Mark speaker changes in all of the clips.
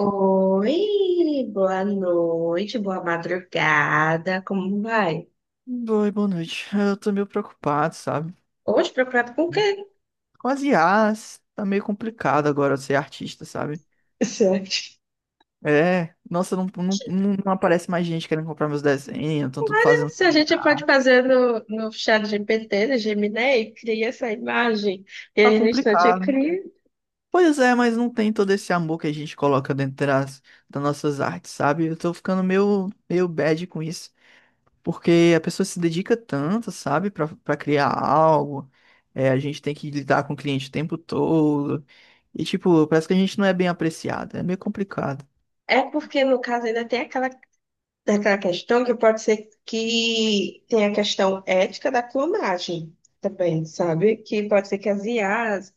Speaker 1: Oi, boa noite, boa madrugada, como vai?
Speaker 2: Oi, boa noite. Eu tô meio preocupado, sabe?
Speaker 1: Hoje preocupado com o quê?
Speaker 2: Com as IAs, tá meio complicado agora ser artista, sabe?
Speaker 1: Certo.
Speaker 2: É, nossa, não, não, não aparece mais gente querendo comprar meus desenhos, estão tudo fazendo
Speaker 1: Se a
Speaker 2: tudo
Speaker 1: gente
Speaker 2: IA.
Speaker 1: pode fazer no chat GPT, no Gemini, cria essa imagem e
Speaker 2: Tá
Speaker 1: aí no instante
Speaker 2: complicado.
Speaker 1: cria.
Speaker 2: Pois é, mas não tem todo esse amor que a gente coloca dentro das nossas artes, sabe? Eu tô ficando meio bad com isso. Porque a pessoa se dedica tanto, sabe, para criar algo. É, a gente tem que lidar com o cliente o tempo todo. E, tipo, parece que a gente não é bem apreciado. É meio complicado.
Speaker 1: É porque, no caso, ainda tem aquela questão que pode ser que tem a questão ética da clonagem também, sabe? Que pode ser que as IAs.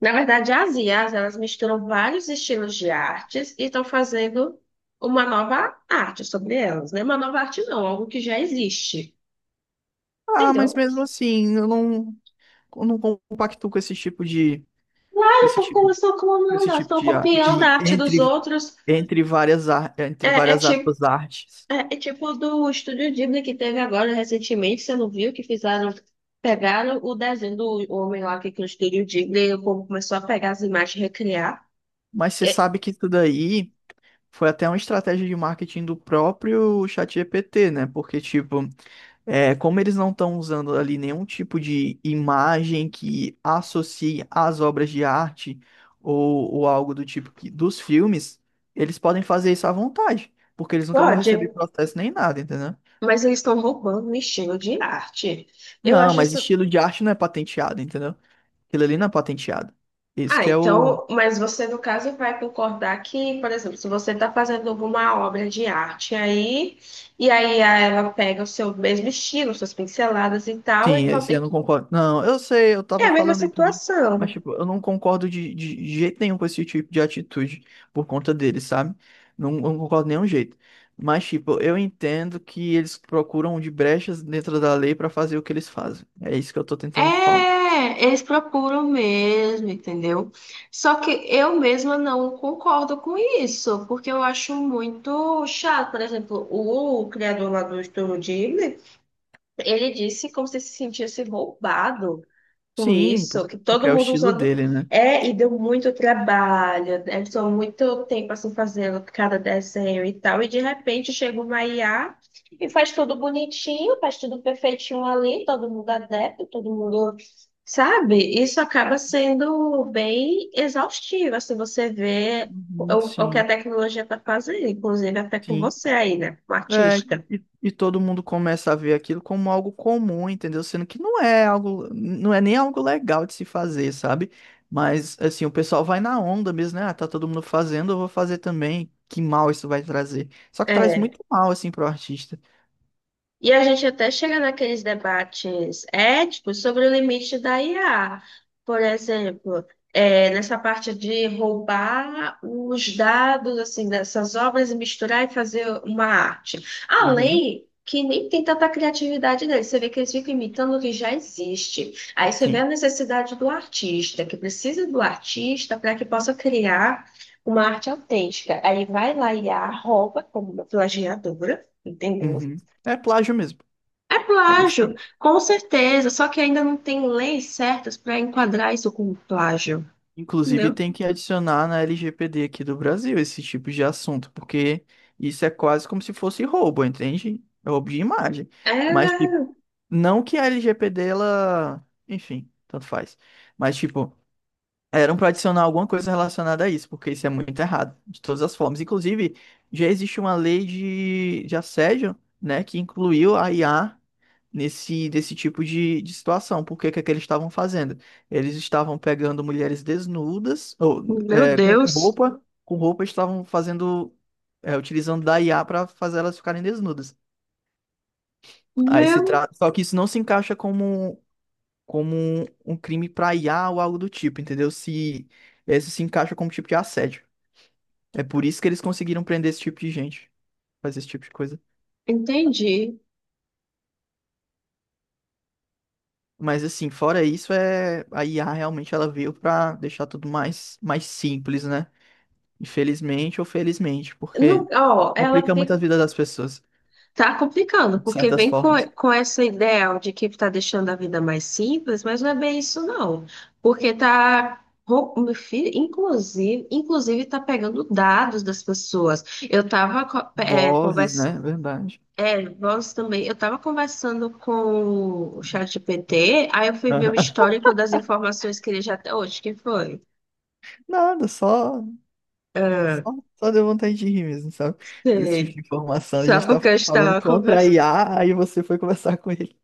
Speaker 1: Na verdade, as IAs, elas misturam vários estilos de artes e estão fazendo uma nova arte sobre elas, né? Uma nova arte não, algo que já existe,
Speaker 2: Ah, mas
Speaker 1: entendeu?
Speaker 2: mesmo assim, eu não compacto com esse tipo de, com
Speaker 1: Elas
Speaker 2: esse
Speaker 1: estão
Speaker 2: tipo,
Speaker 1: elas estão
Speaker 2: com
Speaker 1: clonando,
Speaker 2: esse
Speaker 1: elas
Speaker 2: tipo
Speaker 1: estão
Speaker 2: de, a-
Speaker 1: copiando a
Speaker 2: de
Speaker 1: arte dos
Speaker 2: entre,
Speaker 1: outros.
Speaker 2: entre várias, ar-
Speaker 1: É,
Speaker 2: entre
Speaker 1: é
Speaker 2: várias
Speaker 1: tipo,
Speaker 2: aspas, artes.
Speaker 1: é tipo do Estúdio Ghibli que teve agora recentemente, você não viu, que fizeram, pegaram o desenho do homem lá que criou o Estúdio Ghibli e o povo começou a pegar as imagens e recriar.
Speaker 2: Mas você
Speaker 1: É,
Speaker 2: sabe que isso daí foi até uma estratégia de marketing do próprio ChatGPT, né? Porque, tipo, é, como eles não estão usando ali nenhum tipo de imagem que associe às obras de arte ou algo do tipo que, dos filmes, eles podem fazer isso à vontade, porque eles nunca vão
Speaker 1: pode,
Speaker 2: receber processo nem nada, entendeu?
Speaker 1: mas eles estão roubando o estilo de arte. Eu
Speaker 2: Não,
Speaker 1: acho
Speaker 2: mas
Speaker 1: isso.
Speaker 2: estilo de arte não é patenteado, entendeu? Aquilo ali não é patenteado. Esse
Speaker 1: Ah,
Speaker 2: que é o.
Speaker 1: então, mas você, no caso, vai concordar que, por exemplo, se você está fazendo alguma obra de arte aí, e aí ela pega o seu mesmo estilo, suas pinceladas e tal, e
Speaker 2: Sim,
Speaker 1: com-
Speaker 2: esse
Speaker 1: e
Speaker 2: eu não concordo. Não, eu sei, eu
Speaker 1: é
Speaker 2: tava
Speaker 1: a mesma
Speaker 2: falando isso, mas,
Speaker 1: situação.
Speaker 2: tipo, eu não concordo de jeito nenhum com esse tipo de atitude por conta deles, sabe? Não, eu não concordo de nenhum jeito. Mas, tipo, eu entendo que eles procuram de brechas dentro da lei pra fazer o que eles fazem. É isso que eu tô tentando falar.
Speaker 1: É, eles procuram mesmo, entendeu? Só que eu mesma não concordo com isso, porque eu acho muito chato. Por exemplo, o criador lá do Estúdio Ghibli, ele disse como se sentisse roubado com
Speaker 2: Sim,
Speaker 1: isso, que
Speaker 2: porque
Speaker 1: todo
Speaker 2: é o
Speaker 1: mundo
Speaker 2: estilo
Speaker 1: usando.
Speaker 2: dele, né?
Speaker 1: É, e deu muito trabalho, né? Estou muito tempo assim fazendo cada desenho e tal, e de repente chega uma IA e faz tudo bonitinho, faz tudo perfeitinho ali, todo mundo adepto, todo mundo. Sabe? Isso acaba sendo bem exaustivo, assim, você vê o,
Speaker 2: Uhum,
Speaker 1: o que a
Speaker 2: sim,
Speaker 1: tecnologia está fazendo, inclusive até com
Speaker 2: sim.
Speaker 1: você aí, né? Com o
Speaker 2: É,
Speaker 1: artista.
Speaker 2: e todo mundo começa a ver aquilo como algo comum, entendeu? Sendo que não é algo, não é nem algo legal de se fazer, sabe? Mas assim, o pessoal vai na onda mesmo, né? Ah, tá todo mundo fazendo, eu vou fazer também. Que mal isso vai trazer. Só que traz
Speaker 1: É.
Speaker 2: muito mal assim pro artista.
Speaker 1: E a gente até chega naqueles debates éticos sobre o limite da IA. Por exemplo, é, nessa parte de roubar os dados assim dessas obras e misturar e fazer uma arte. A
Speaker 2: Uhum,
Speaker 1: lei que nem tem tanta criatividade deles. Você vê que eles ficam imitando o que já existe. Aí você vê a
Speaker 2: sim.
Speaker 1: necessidade do artista, que precisa do artista para que possa criar uma arte autêntica. Aí vai lá e a rouba como uma plagiadora, entendeu?
Speaker 2: Uhum. É plágio mesmo.
Speaker 1: É
Speaker 2: É isso que
Speaker 1: plágio,
Speaker 2: é.
Speaker 1: com certeza, só que ainda não tem leis certas para enquadrar isso como plágio,
Speaker 2: Inclusive
Speaker 1: entendeu?
Speaker 2: tem que adicionar na LGPD aqui do Brasil esse tipo de assunto, porque isso é quase como se fosse roubo, entende? É roubo de imagem.
Speaker 1: É,
Speaker 2: Mas, tipo, não que a LGPD, ela. Enfim, tanto faz. Mas, tipo, eram para adicionar alguma coisa relacionada a isso, porque isso é muito errado, de todas as formas. Inclusive, já existe uma lei de assédio, né, que incluiu a IA desse tipo de situação. Por que que é que eles estavam fazendo? Eles estavam pegando mulheres desnudas, ou
Speaker 1: meu
Speaker 2: é,
Speaker 1: Deus,
Speaker 2: com roupa estavam fazendo. É, utilizando da IA para fazer elas ficarem desnudas. Aí se
Speaker 1: meu,
Speaker 2: trata. Só que isso não se encaixa como um crime pra IA ou algo do tipo, entendeu? Se isso se encaixa como tipo de assédio. É por isso que eles conseguiram prender esse tipo de gente, fazer esse tipo de coisa.
Speaker 1: entendi.
Speaker 2: Mas assim, fora isso, é a IA realmente ela veio pra deixar tudo mais simples, né? Infelizmente ou felizmente,
Speaker 1: Não,
Speaker 2: porque
Speaker 1: ó, ela
Speaker 2: complica muito a
Speaker 1: fica,
Speaker 2: vida das pessoas,
Speaker 1: tá complicando,
Speaker 2: de
Speaker 1: porque
Speaker 2: certas
Speaker 1: vem
Speaker 2: formas.
Speaker 1: com essa ideia de que tá deixando a vida mais simples, mas não é bem isso, não. Porque tá, meu filho, inclusive, inclusive tá pegando dados das pessoas. Eu tava co- é,
Speaker 2: Vozes, né? Verdade.
Speaker 1: É, voz também. Eu estava conversando com o ChatGPT, aí eu fui ver o histórico das informações que ele já tem hoje, que foi.
Speaker 2: Nada, só
Speaker 1: Ah,
Speaker 2: só, só deu vontade de rir mesmo, sabe? Desse tipo
Speaker 1: sei.
Speaker 2: de informação. A
Speaker 1: Só
Speaker 2: gente tá
Speaker 1: porque eu
Speaker 2: falando
Speaker 1: estava
Speaker 2: contra a
Speaker 1: conversando.
Speaker 2: IA, aí você foi conversar com ele.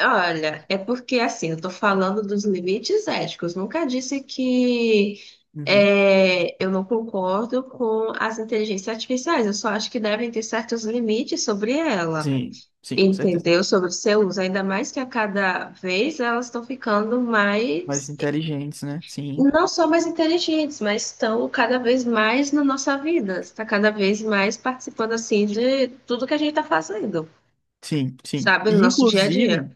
Speaker 1: Olha, é porque assim, eu estou falando dos limites éticos. Nunca disse que
Speaker 2: Uhum.
Speaker 1: eu não concordo com as inteligências artificiais. Eu só acho que devem ter certos limites sobre ela.
Speaker 2: Sim, sim, com certeza.
Speaker 1: Entendeu? Sobre o seu uso, ainda mais que a cada vez elas estão ficando
Speaker 2: Mais
Speaker 1: mais,
Speaker 2: inteligentes, né? Sim,
Speaker 1: não só mais inteligentes, mas estão cada vez mais na nossa vida, está cada vez mais participando assim de tudo que a gente está fazendo,
Speaker 2: sim, sim.
Speaker 1: sabe, no
Speaker 2: E
Speaker 1: nosso dia a dia.
Speaker 2: inclusive,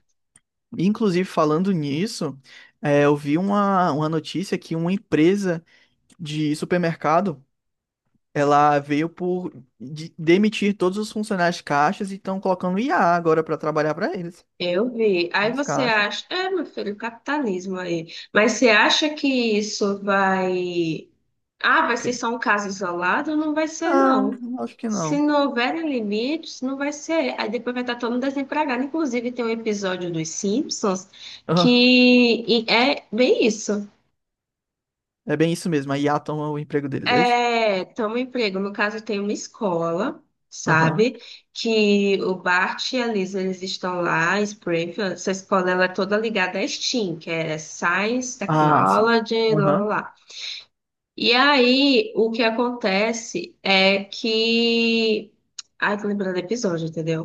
Speaker 2: inclusive falando nisso, é, eu vi uma notícia que uma empresa de supermercado, ela veio por demitir todos os funcionários de caixas e estão colocando IA agora para trabalhar para eles,
Speaker 1: Eu vi. Aí
Speaker 2: nos
Speaker 1: você
Speaker 2: caixas.
Speaker 1: acha, é, meu filho, capitalismo aí. Mas você acha que isso vai, ah, vai
Speaker 2: Ok.
Speaker 1: ser só um caso isolado? Não vai ser, não.
Speaker 2: Não, acho que
Speaker 1: Se
Speaker 2: não.
Speaker 1: não houverem limites, não vai ser. Aí depois vai estar todo mundo desempregado. Inclusive, tem um episódio dos Simpsons que e é bem isso.
Speaker 2: É bem isso mesmo. A IA toma o emprego deles, é isso?
Speaker 1: É, toma um emprego. No caso, tem uma escola,
Speaker 2: Aham.
Speaker 1: sabe? Que o Bart e a Lisa, eles estão lá em Springfield. Essa escola, ela é toda ligada à STEAM, que é Science,
Speaker 2: Ah, sim.
Speaker 1: Technology, lá, lá,
Speaker 2: Aham.
Speaker 1: lá. E aí, o que acontece é que... Ai, tô lembrando do episódio, entendeu?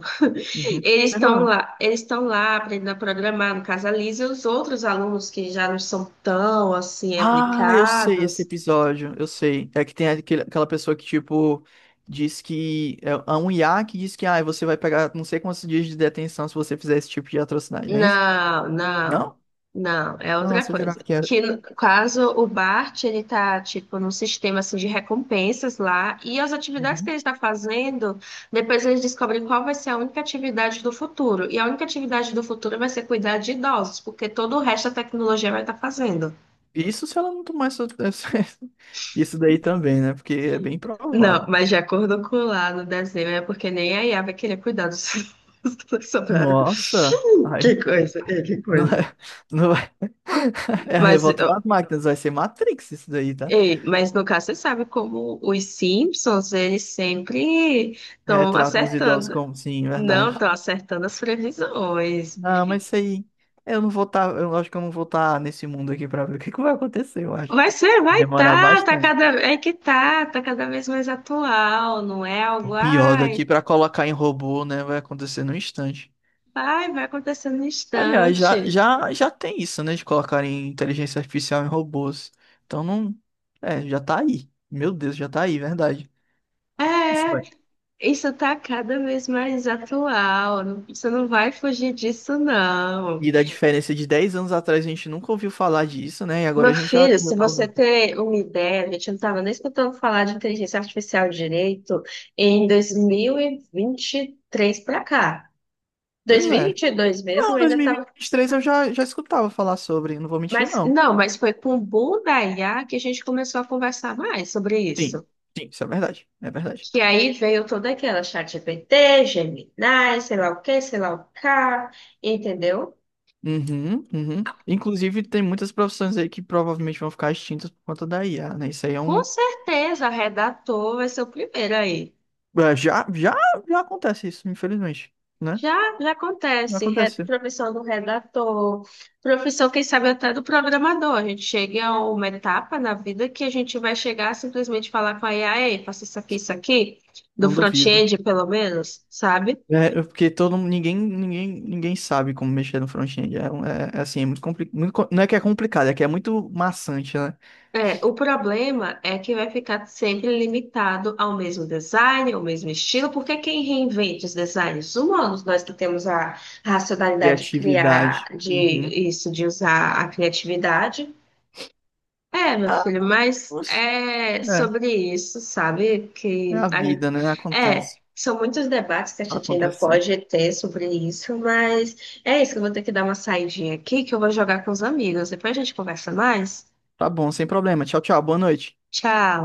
Speaker 2: Uhum.
Speaker 1: Eles
Speaker 2: Sem
Speaker 1: estão
Speaker 2: problema.
Speaker 1: lá, eles estão lá aprendendo a programar, no caso a Lisa e os outros alunos que já não são tão, assim,
Speaker 2: Ah, eu sei esse
Speaker 1: aplicados.
Speaker 2: episódio, eu sei. É que tem aquela pessoa que, tipo, diz que. É um IA que diz que ah, você vai pegar não sei quantos dias de detenção se você fizer esse tipo de atrocidade, não é isso?
Speaker 1: Não, não,
Speaker 2: Não?
Speaker 1: não, é outra
Speaker 2: Nossa, eu
Speaker 1: coisa.
Speaker 2: jurava que era.
Speaker 1: Que no caso o Bart ele tá tipo num sistema assim de recompensas lá e as atividades que
Speaker 2: Uhum.
Speaker 1: ele está fazendo, depois eles descobrem qual vai ser a única atividade do futuro. E a única atividade do futuro vai ser cuidar de idosos, porque todo o resto da tecnologia vai estar fazendo.
Speaker 2: Isso se ela não tomar essa- Isso daí também, né? Porque é bem
Speaker 1: Não,
Speaker 2: provável.
Speaker 1: mas de acordo com lá no desenho é porque nem a IA vai querer cuidar dos dos que sobraram.
Speaker 2: Nossa!
Speaker 1: Que
Speaker 2: Ai,
Speaker 1: coisa, é, que
Speaker 2: não
Speaker 1: coisa.
Speaker 2: é. Não. É a
Speaker 1: Mas
Speaker 2: revolta das máquinas, vai ser Matrix isso daí, tá?
Speaker 1: ei, mas no caso, você sabe como os Simpsons, eles sempre estão
Speaker 2: Retratam os idosos
Speaker 1: acertando.
Speaker 2: como, sim,
Speaker 1: Não,
Speaker 2: verdade.
Speaker 1: estão acertando as previsões.
Speaker 2: Não, mas isso aí, eu não vou estar, eu acho que eu não vou estar nesse mundo aqui pra ver o que que vai acontecer, eu acho.
Speaker 1: Vai ser, vai
Speaker 2: Demorar
Speaker 1: tá, tá
Speaker 2: bastante.
Speaker 1: cada, é que tá, tá cada vez mais atual, não é algo,
Speaker 2: O pior
Speaker 1: ai,
Speaker 2: daqui pra colocar em robô, né, vai acontecer num instante.
Speaker 1: vai acontecer no
Speaker 2: Aliás, já,
Speaker 1: instante.
Speaker 2: já, já tem isso, né, de colocar em inteligência artificial em robôs. Então não, é, já tá aí. Meu Deus, já tá aí, verdade. Isso
Speaker 1: É,
Speaker 2: vai.
Speaker 1: isso tá cada vez mais atual, não, você não vai fugir disso, não.
Speaker 2: E da diferença de 10 anos atrás a gente nunca ouviu falar disso, né? E
Speaker 1: Meu
Speaker 2: agora a gente já,
Speaker 1: filho,
Speaker 2: já
Speaker 1: se
Speaker 2: tá.
Speaker 1: você ter uma ideia, a gente não estava nem escutando falar de inteligência artificial direito em dois mil e vinte e três para cá.
Speaker 2: Pois
Speaker 1: Dois mil e
Speaker 2: é.
Speaker 1: vinte e dois mesmo,
Speaker 2: Não,
Speaker 1: ainda estava.
Speaker 2: 2023 eu já escutava falar sobre, não vou mentir,
Speaker 1: Mas
Speaker 2: não.
Speaker 1: não, mas foi com o boom da IA que a gente começou a conversar mais sobre isso.
Speaker 2: Sim, sim, isso é verdade. É verdade.
Speaker 1: Que aí veio toda aquela ChatGPT, Gemini, sei lá o que, sei lá o que, entendeu?
Speaker 2: Uhum, uhum. Inclusive, tem muitas profissões aí que provavelmente vão ficar extintas por conta da IA, né? Isso aí é
Speaker 1: Com
Speaker 2: um.
Speaker 1: certeza, redator vai ser o primeiro aí.
Speaker 2: É, já acontece isso, infelizmente, né?
Speaker 1: Já, já
Speaker 2: Já
Speaker 1: acontece,
Speaker 2: acontece.
Speaker 1: profissão do redator, profissão, quem sabe, até do programador. A gente chega a uma etapa na vida que a gente vai chegar a simplesmente falar com a IA, ei, faça isso aqui, do
Speaker 2: Não duvido.
Speaker 1: front-end, pelo menos, sabe?
Speaker 2: É, porque ninguém sabe como mexer no front-end. É assim, é muito complicado. Muito, não é que é complicado, é que é muito maçante, né?
Speaker 1: É, o problema é que vai ficar sempre limitado ao mesmo design, ao mesmo estilo, porque quem reinventa os designs humanos, nós que temos a racionalidade de criar,
Speaker 2: Criatividade.
Speaker 1: de
Speaker 2: Uhum.
Speaker 1: isso, de usar a criatividade. É, meu
Speaker 2: Ah,
Speaker 1: filho, mas
Speaker 2: nossa.
Speaker 1: é sobre isso, sabe?
Speaker 2: É a vida, né?
Speaker 1: É,
Speaker 2: Acontece.
Speaker 1: são muitos debates que a
Speaker 2: Tá
Speaker 1: gente ainda
Speaker 2: acontecendo.
Speaker 1: pode ter sobre isso, mas é isso, eu vou ter que dar uma saidinha aqui que eu vou jogar com os amigos. Depois a gente conversa mais.
Speaker 2: Tá bom, sem problema. Tchau, tchau. Boa noite.
Speaker 1: Tchau.